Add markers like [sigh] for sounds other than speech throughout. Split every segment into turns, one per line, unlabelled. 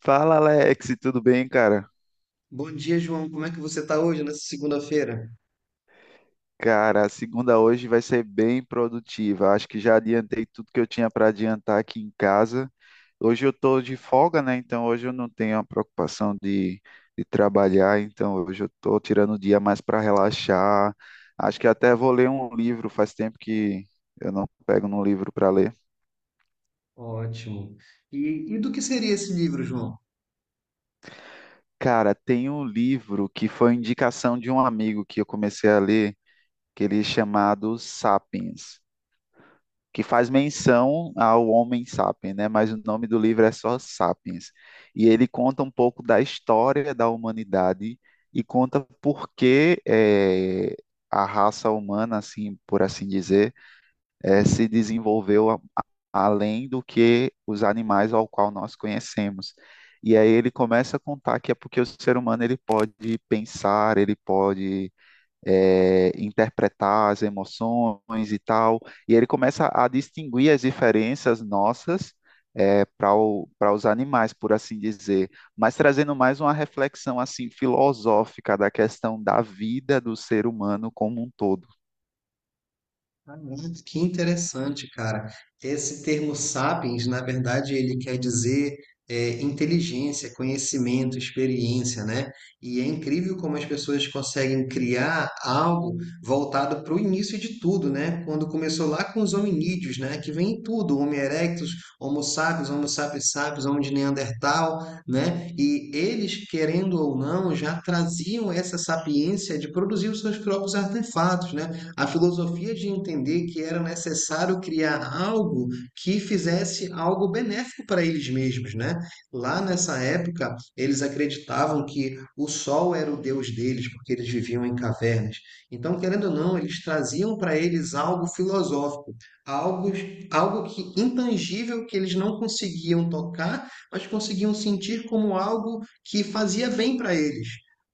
Fala, Alex, tudo bem, cara?
Bom dia, João. Como é que você está hoje, nessa segunda-feira?
Cara, a segunda hoje vai ser bem produtiva. Acho que já adiantei tudo que eu tinha para adiantar aqui em casa. Hoje eu tô de folga, né? Então hoje eu não tenho a preocupação de trabalhar. Então hoje eu tô tirando o dia mais para relaxar. Acho que até vou ler um livro. Faz tempo que eu não pego num livro para ler.
Ótimo. E do que seria esse livro, João?
Cara, tem um livro que foi indicação de um amigo que eu comecei a ler, que ele é chamado Sapiens, que faz menção ao homem sapiens, né? Mas o nome do livro é só Sapiens. E ele conta um pouco da história da humanidade e conta por que a raça humana, assim, por assim dizer, se além do que os animais ao qual nós conhecemos. E aí ele começa a contar que é porque o ser humano ele pode pensar, ele pode interpretar as emoções e tal. E ele começa a distinguir as diferenças nossas, para para os animais, por assim dizer, mas trazendo mais uma reflexão assim filosófica da questão da vida do ser humano como um todo.
Ah, Que interessante, cara. Esse termo sapiens, na verdade, ele quer dizer inteligência, conhecimento, experiência, né? E é incrível como as pessoas conseguem criar algo voltado para o início de tudo, né? Quando começou lá com os hominídeos, né? Que vem em tudo, Homo erectus, Homo sapiens sapiens, Homo de Neandertal, né? E eles, querendo ou não, já traziam essa sapiência de produzir os seus próprios artefatos, né? A filosofia de entender que era necessário criar algo que fizesse algo benéfico para eles mesmos, né? Lá nessa época, eles acreditavam que o sol era o deus deles, porque eles viviam em cavernas. Então, querendo ou não, eles traziam para eles algo filosófico, algo, algo que intangível que eles não conseguiam tocar, mas conseguiam sentir como algo que fazia bem para eles.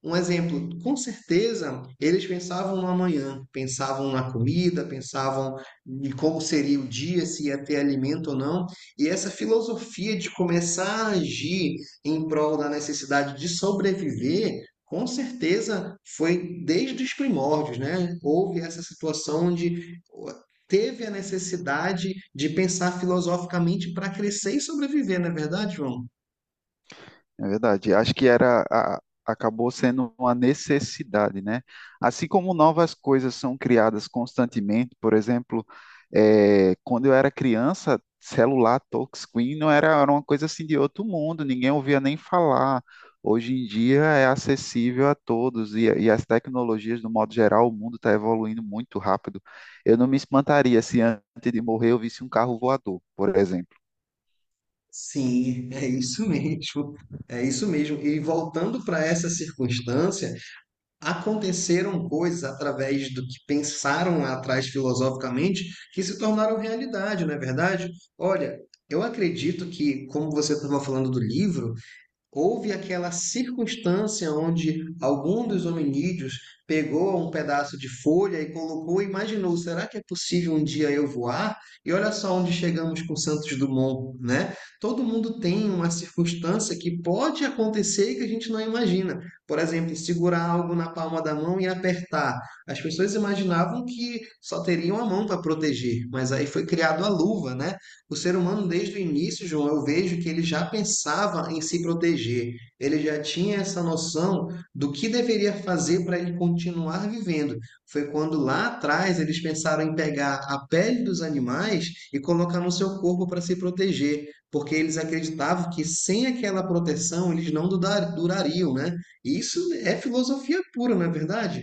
Um exemplo, com certeza eles pensavam no amanhã, pensavam na comida, pensavam em como seria o dia, se ia ter alimento ou não, e essa filosofia de começar a agir em prol da necessidade de sobreviver, com certeza foi desde os primórdios, né? Houve essa situação onde teve a necessidade de pensar filosoficamente para crescer e sobreviver, não é verdade, João?
É verdade. Acho que acabou sendo uma necessidade, né? Assim como novas coisas são criadas constantemente, por exemplo, quando eu era criança, celular touchscreen não era, era uma coisa assim de outro mundo, ninguém ouvia nem falar. Hoje em dia é acessível a todos e as tecnologias, no modo geral, o mundo está evoluindo muito rápido. Eu não me espantaria se antes de morrer eu visse um carro voador, por exemplo.
Sim, é isso mesmo. É isso mesmo. E voltando para essa circunstância, aconteceram coisas através do que pensaram lá atrás filosoficamente que se tornaram realidade, não é verdade? Olha, eu acredito que, como você estava falando do livro, houve aquela circunstância onde algum dos hominídeos pegou um pedaço de folha e colocou, e imaginou, será que é possível um dia eu voar? E olha só onde chegamos com Santos Dumont, né? Todo mundo tem uma circunstância que pode acontecer e que a gente não imagina. Por exemplo, segurar algo na palma da mão e apertar. As pessoas imaginavam que só teriam a mão para proteger, mas aí foi criado a luva, né? O ser humano, desde o início, João, eu vejo que ele já pensava em se proteger, ele já tinha essa noção do que deveria fazer para ele continuar vivendo. Foi quando lá atrás eles pensaram em pegar a pele dos animais e colocar no seu corpo para se proteger, porque eles acreditavam que sem aquela proteção eles não durariam, né? E isso é filosofia pura, não é verdade?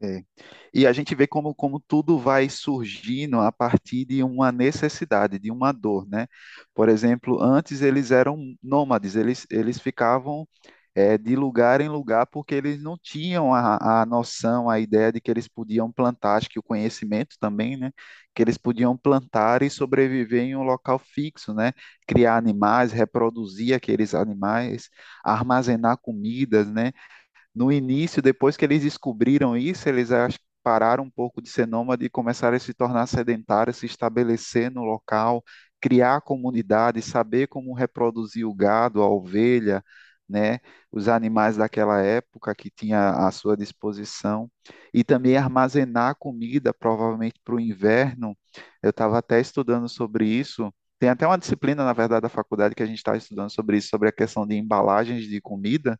É, E a gente vê como tudo vai surgindo a partir de uma necessidade, de uma dor, né? Por exemplo, antes eles eram nômades, eles ficavam, de lugar em lugar porque eles não tinham a noção, a ideia de que eles podiam plantar, acho que o conhecimento também, né? Que eles podiam plantar e sobreviver em um local fixo, né? Criar animais, reproduzir aqueles animais, armazenar comidas, né? No início, depois que eles descobriram isso, eles acho que pararam um pouco de ser nômade e começaram a se tornar sedentários, se estabelecer no local, criar comunidade, saber como reproduzir o gado, a ovelha, né, os animais daquela época que tinha à sua disposição, e também armazenar comida, provavelmente para o inverno. Eu estava até estudando sobre isso. Tem até uma disciplina, na verdade, da faculdade que a gente está estudando sobre isso, sobre a questão de embalagens de comida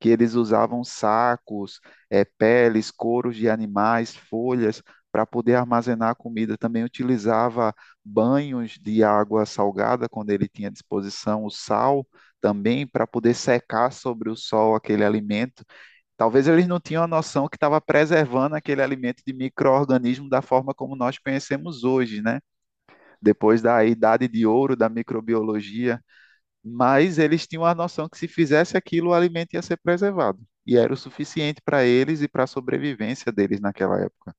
que eles usavam sacos, peles, couros de animais, folhas, para poder armazenar a comida. Também utilizava banhos de água salgada, quando ele tinha à disposição o sal, também para poder secar sobre o sol aquele alimento. Talvez eles não tinham a noção que estava preservando aquele alimento de micro-organismo da forma como nós conhecemos hoje, né? Depois da idade de ouro da microbiologia, mas eles tinham a noção que se fizesse aquilo, o alimento ia ser preservado. E era o suficiente para eles e para a sobrevivência deles naquela época.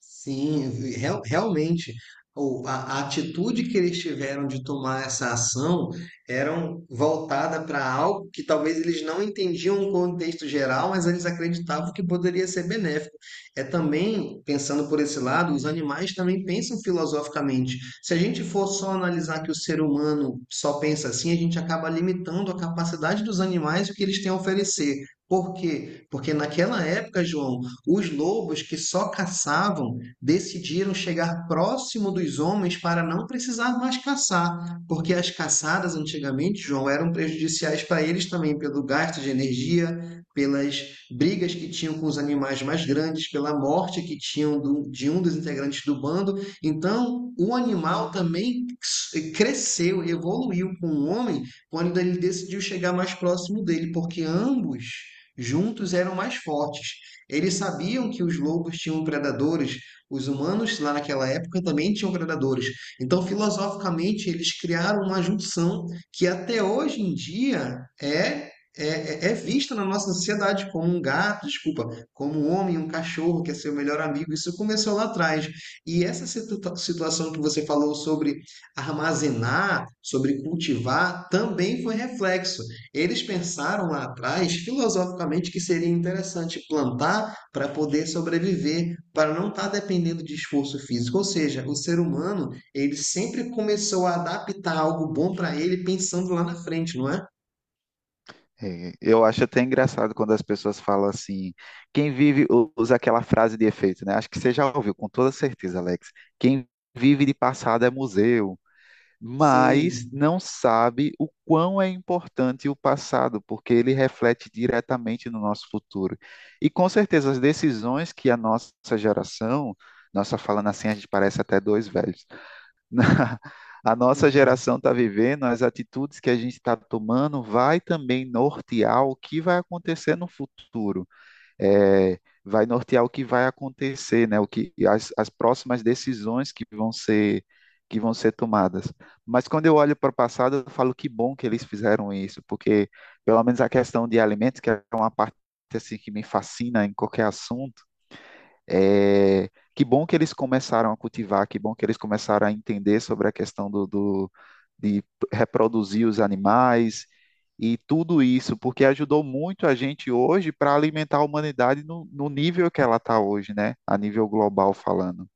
Sim, realmente, a atitude que eles tiveram de tomar essa ação eram voltada para algo que talvez eles não entendiam o contexto geral, mas eles acreditavam que poderia ser benéfico. É também, pensando por esse lado, os animais também pensam filosoficamente. Se a gente for só analisar que o ser humano só pensa assim, a gente acaba limitando a capacidade dos animais e o que eles têm a oferecer. Por quê? Porque naquela época, João, os lobos que só caçavam decidiram chegar próximo dos homens para não precisar mais caçar, porque as caçadas antigamente, João, eram prejudiciais para eles também pelo gasto de energia, pelas brigas que tinham com os animais mais grandes, pela morte que tinham de um dos integrantes do bando. Então, o animal também cresceu, evoluiu com o homem quando ele decidiu chegar mais próximo dele, porque ambos juntos eram mais fortes. Eles sabiam que os lobos tinham predadores, os humanos lá naquela época também tinham predadores. Então, filosoficamente, eles criaram uma junção que até hoje em dia é vista na nossa sociedade como um gato, desculpa, como um homem, um cachorro que é seu melhor amigo. Isso começou lá atrás. E essa situação que você falou sobre armazenar, sobre cultivar, também foi reflexo. Eles pensaram lá atrás, filosoficamente, que seria interessante plantar para poder sobreviver, para não estar dependendo de esforço físico. Ou seja, o ser humano, ele sempre começou a adaptar algo bom para ele pensando lá na frente, não é?
É, Eu acho até engraçado quando as pessoas falam assim, quem vive usa aquela frase de efeito, né? Acho que você já ouviu, com toda certeza, Alex. Quem vive de passado é museu, mas
Sim,
não sabe o quão é importante o passado, porque ele reflete diretamente no nosso futuro. E com certeza as decisões que a nossa geração, nossa falando assim, a gente parece até dois velhos, [laughs] a nossa geração está vivendo, as atitudes que a gente está tomando, vai também nortear o que vai acontecer no futuro, vai nortear o que vai acontecer, né? O que as próximas decisões que vão ser tomadas. Mas quando eu olho para o passado, eu falo que bom que eles fizeram isso, porque pelo menos a questão de alimentos, que é uma parte assim que me fascina em qualquer assunto, é, que bom que eles começaram a cultivar, que bom que eles começaram a entender sobre a questão de reproduzir os animais e tudo isso, porque ajudou muito a gente hoje para alimentar a humanidade no nível que ela está hoje, né? A nível global falando.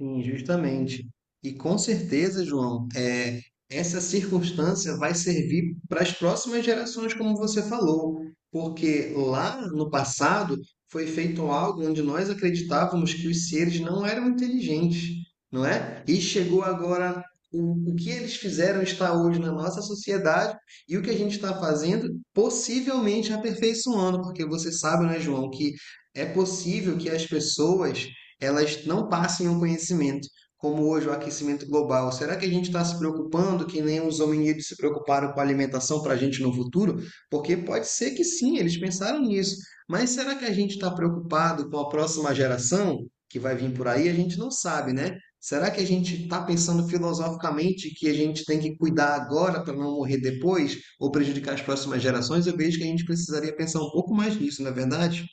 sim, justamente. E com certeza, João, essa circunstância vai servir para as próximas gerações, como você falou, porque lá no passado foi feito algo onde nós acreditávamos que os seres não eram inteligentes, não é? E chegou agora o que eles fizeram está hoje na nossa sociedade e o que a gente está fazendo possivelmente aperfeiçoando, porque você sabe, né, João, que é possível que as pessoas elas não passem um conhecimento, como hoje o aquecimento global. Será que a gente está se preocupando que nem os hominídeos se preocuparam com a alimentação para a gente no futuro? Porque pode ser que sim, eles pensaram nisso. Mas será que a gente está preocupado com a próxima geração que vai vir por aí? A gente não sabe, né? Será que a gente está pensando filosoficamente que a gente tem que cuidar agora para não morrer depois ou prejudicar as próximas gerações? Eu vejo que a gente precisaria pensar um pouco mais nisso, não é verdade?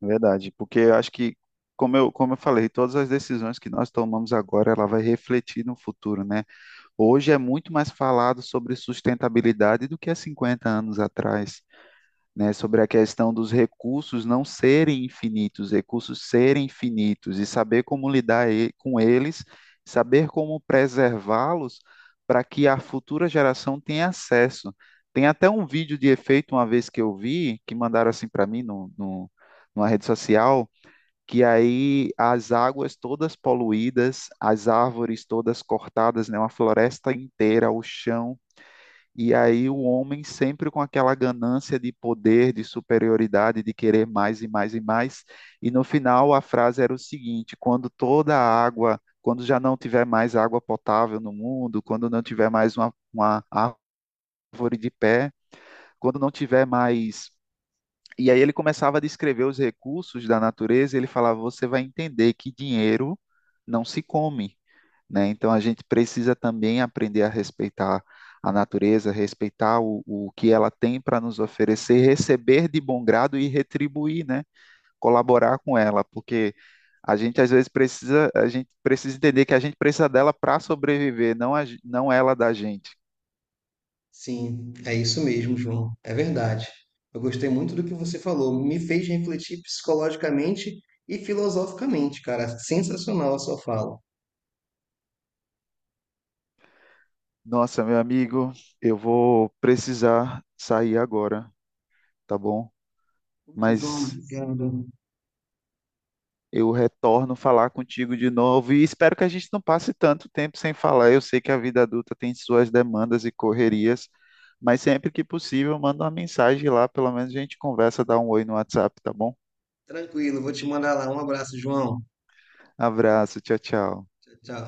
Verdade, porque eu acho que, como eu falei, todas as decisões que nós tomamos agora, ela vai refletir no futuro, né? Hoje é muito mais falado sobre sustentabilidade do que há 50 anos atrás, né, sobre a questão dos recursos não serem infinitos, recursos serem finitos, e saber como lidar com eles, saber como preservá-los para que a futura geração tenha acesso. Tem até um vídeo de efeito, uma vez que eu vi, que mandaram assim para mim no, no, numa rede social, que aí as águas todas poluídas, as árvores todas cortadas, né, uma floresta inteira, o chão, e aí o homem sempre com aquela ganância de poder, de superioridade, de querer mais e mais e mais. E no final a frase era o seguinte: quando toda a água, quando já não tiver mais água potável no mundo, quando não tiver mais uma árvore de pé, quando não tiver mais, e aí ele começava a descrever os recursos da natureza, e ele falava, você vai entender que dinheiro não se come, né? Então a gente precisa também aprender a respeitar a natureza, respeitar o que ela tem para nos oferecer, receber de bom grado e retribuir, né? Colaborar com ela, porque a gente às vezes precisa, a gente precisa entender que a gente precisa dela para sobreviver, não, a, não ela da gente.
Sim, é isso mesmo, João. É verdade. Eu gostei muito do que você falou. Me fez refletir psicologicamente e filosoficamente, cara. Sensacional a sua fala.
Nossa, meu amigo, eu vou precisar sair agora, tá bom?
Putz, João,
Mas
obrigado.
eu retorno falar contigo de novo e espero que a gente não passe tanto tempo sem falar. Eu sei que a vida adulta tem suas demandas e correrias, mas sempre que possível, manda uma mensagem lá, pelo menos a gente conversa, dá um oi no WhatsApp, tá bom?
Tranquilo, vou te mandar lá. Um abraço, João.
Abraço, tchau, tchau.
Tchau, tchau.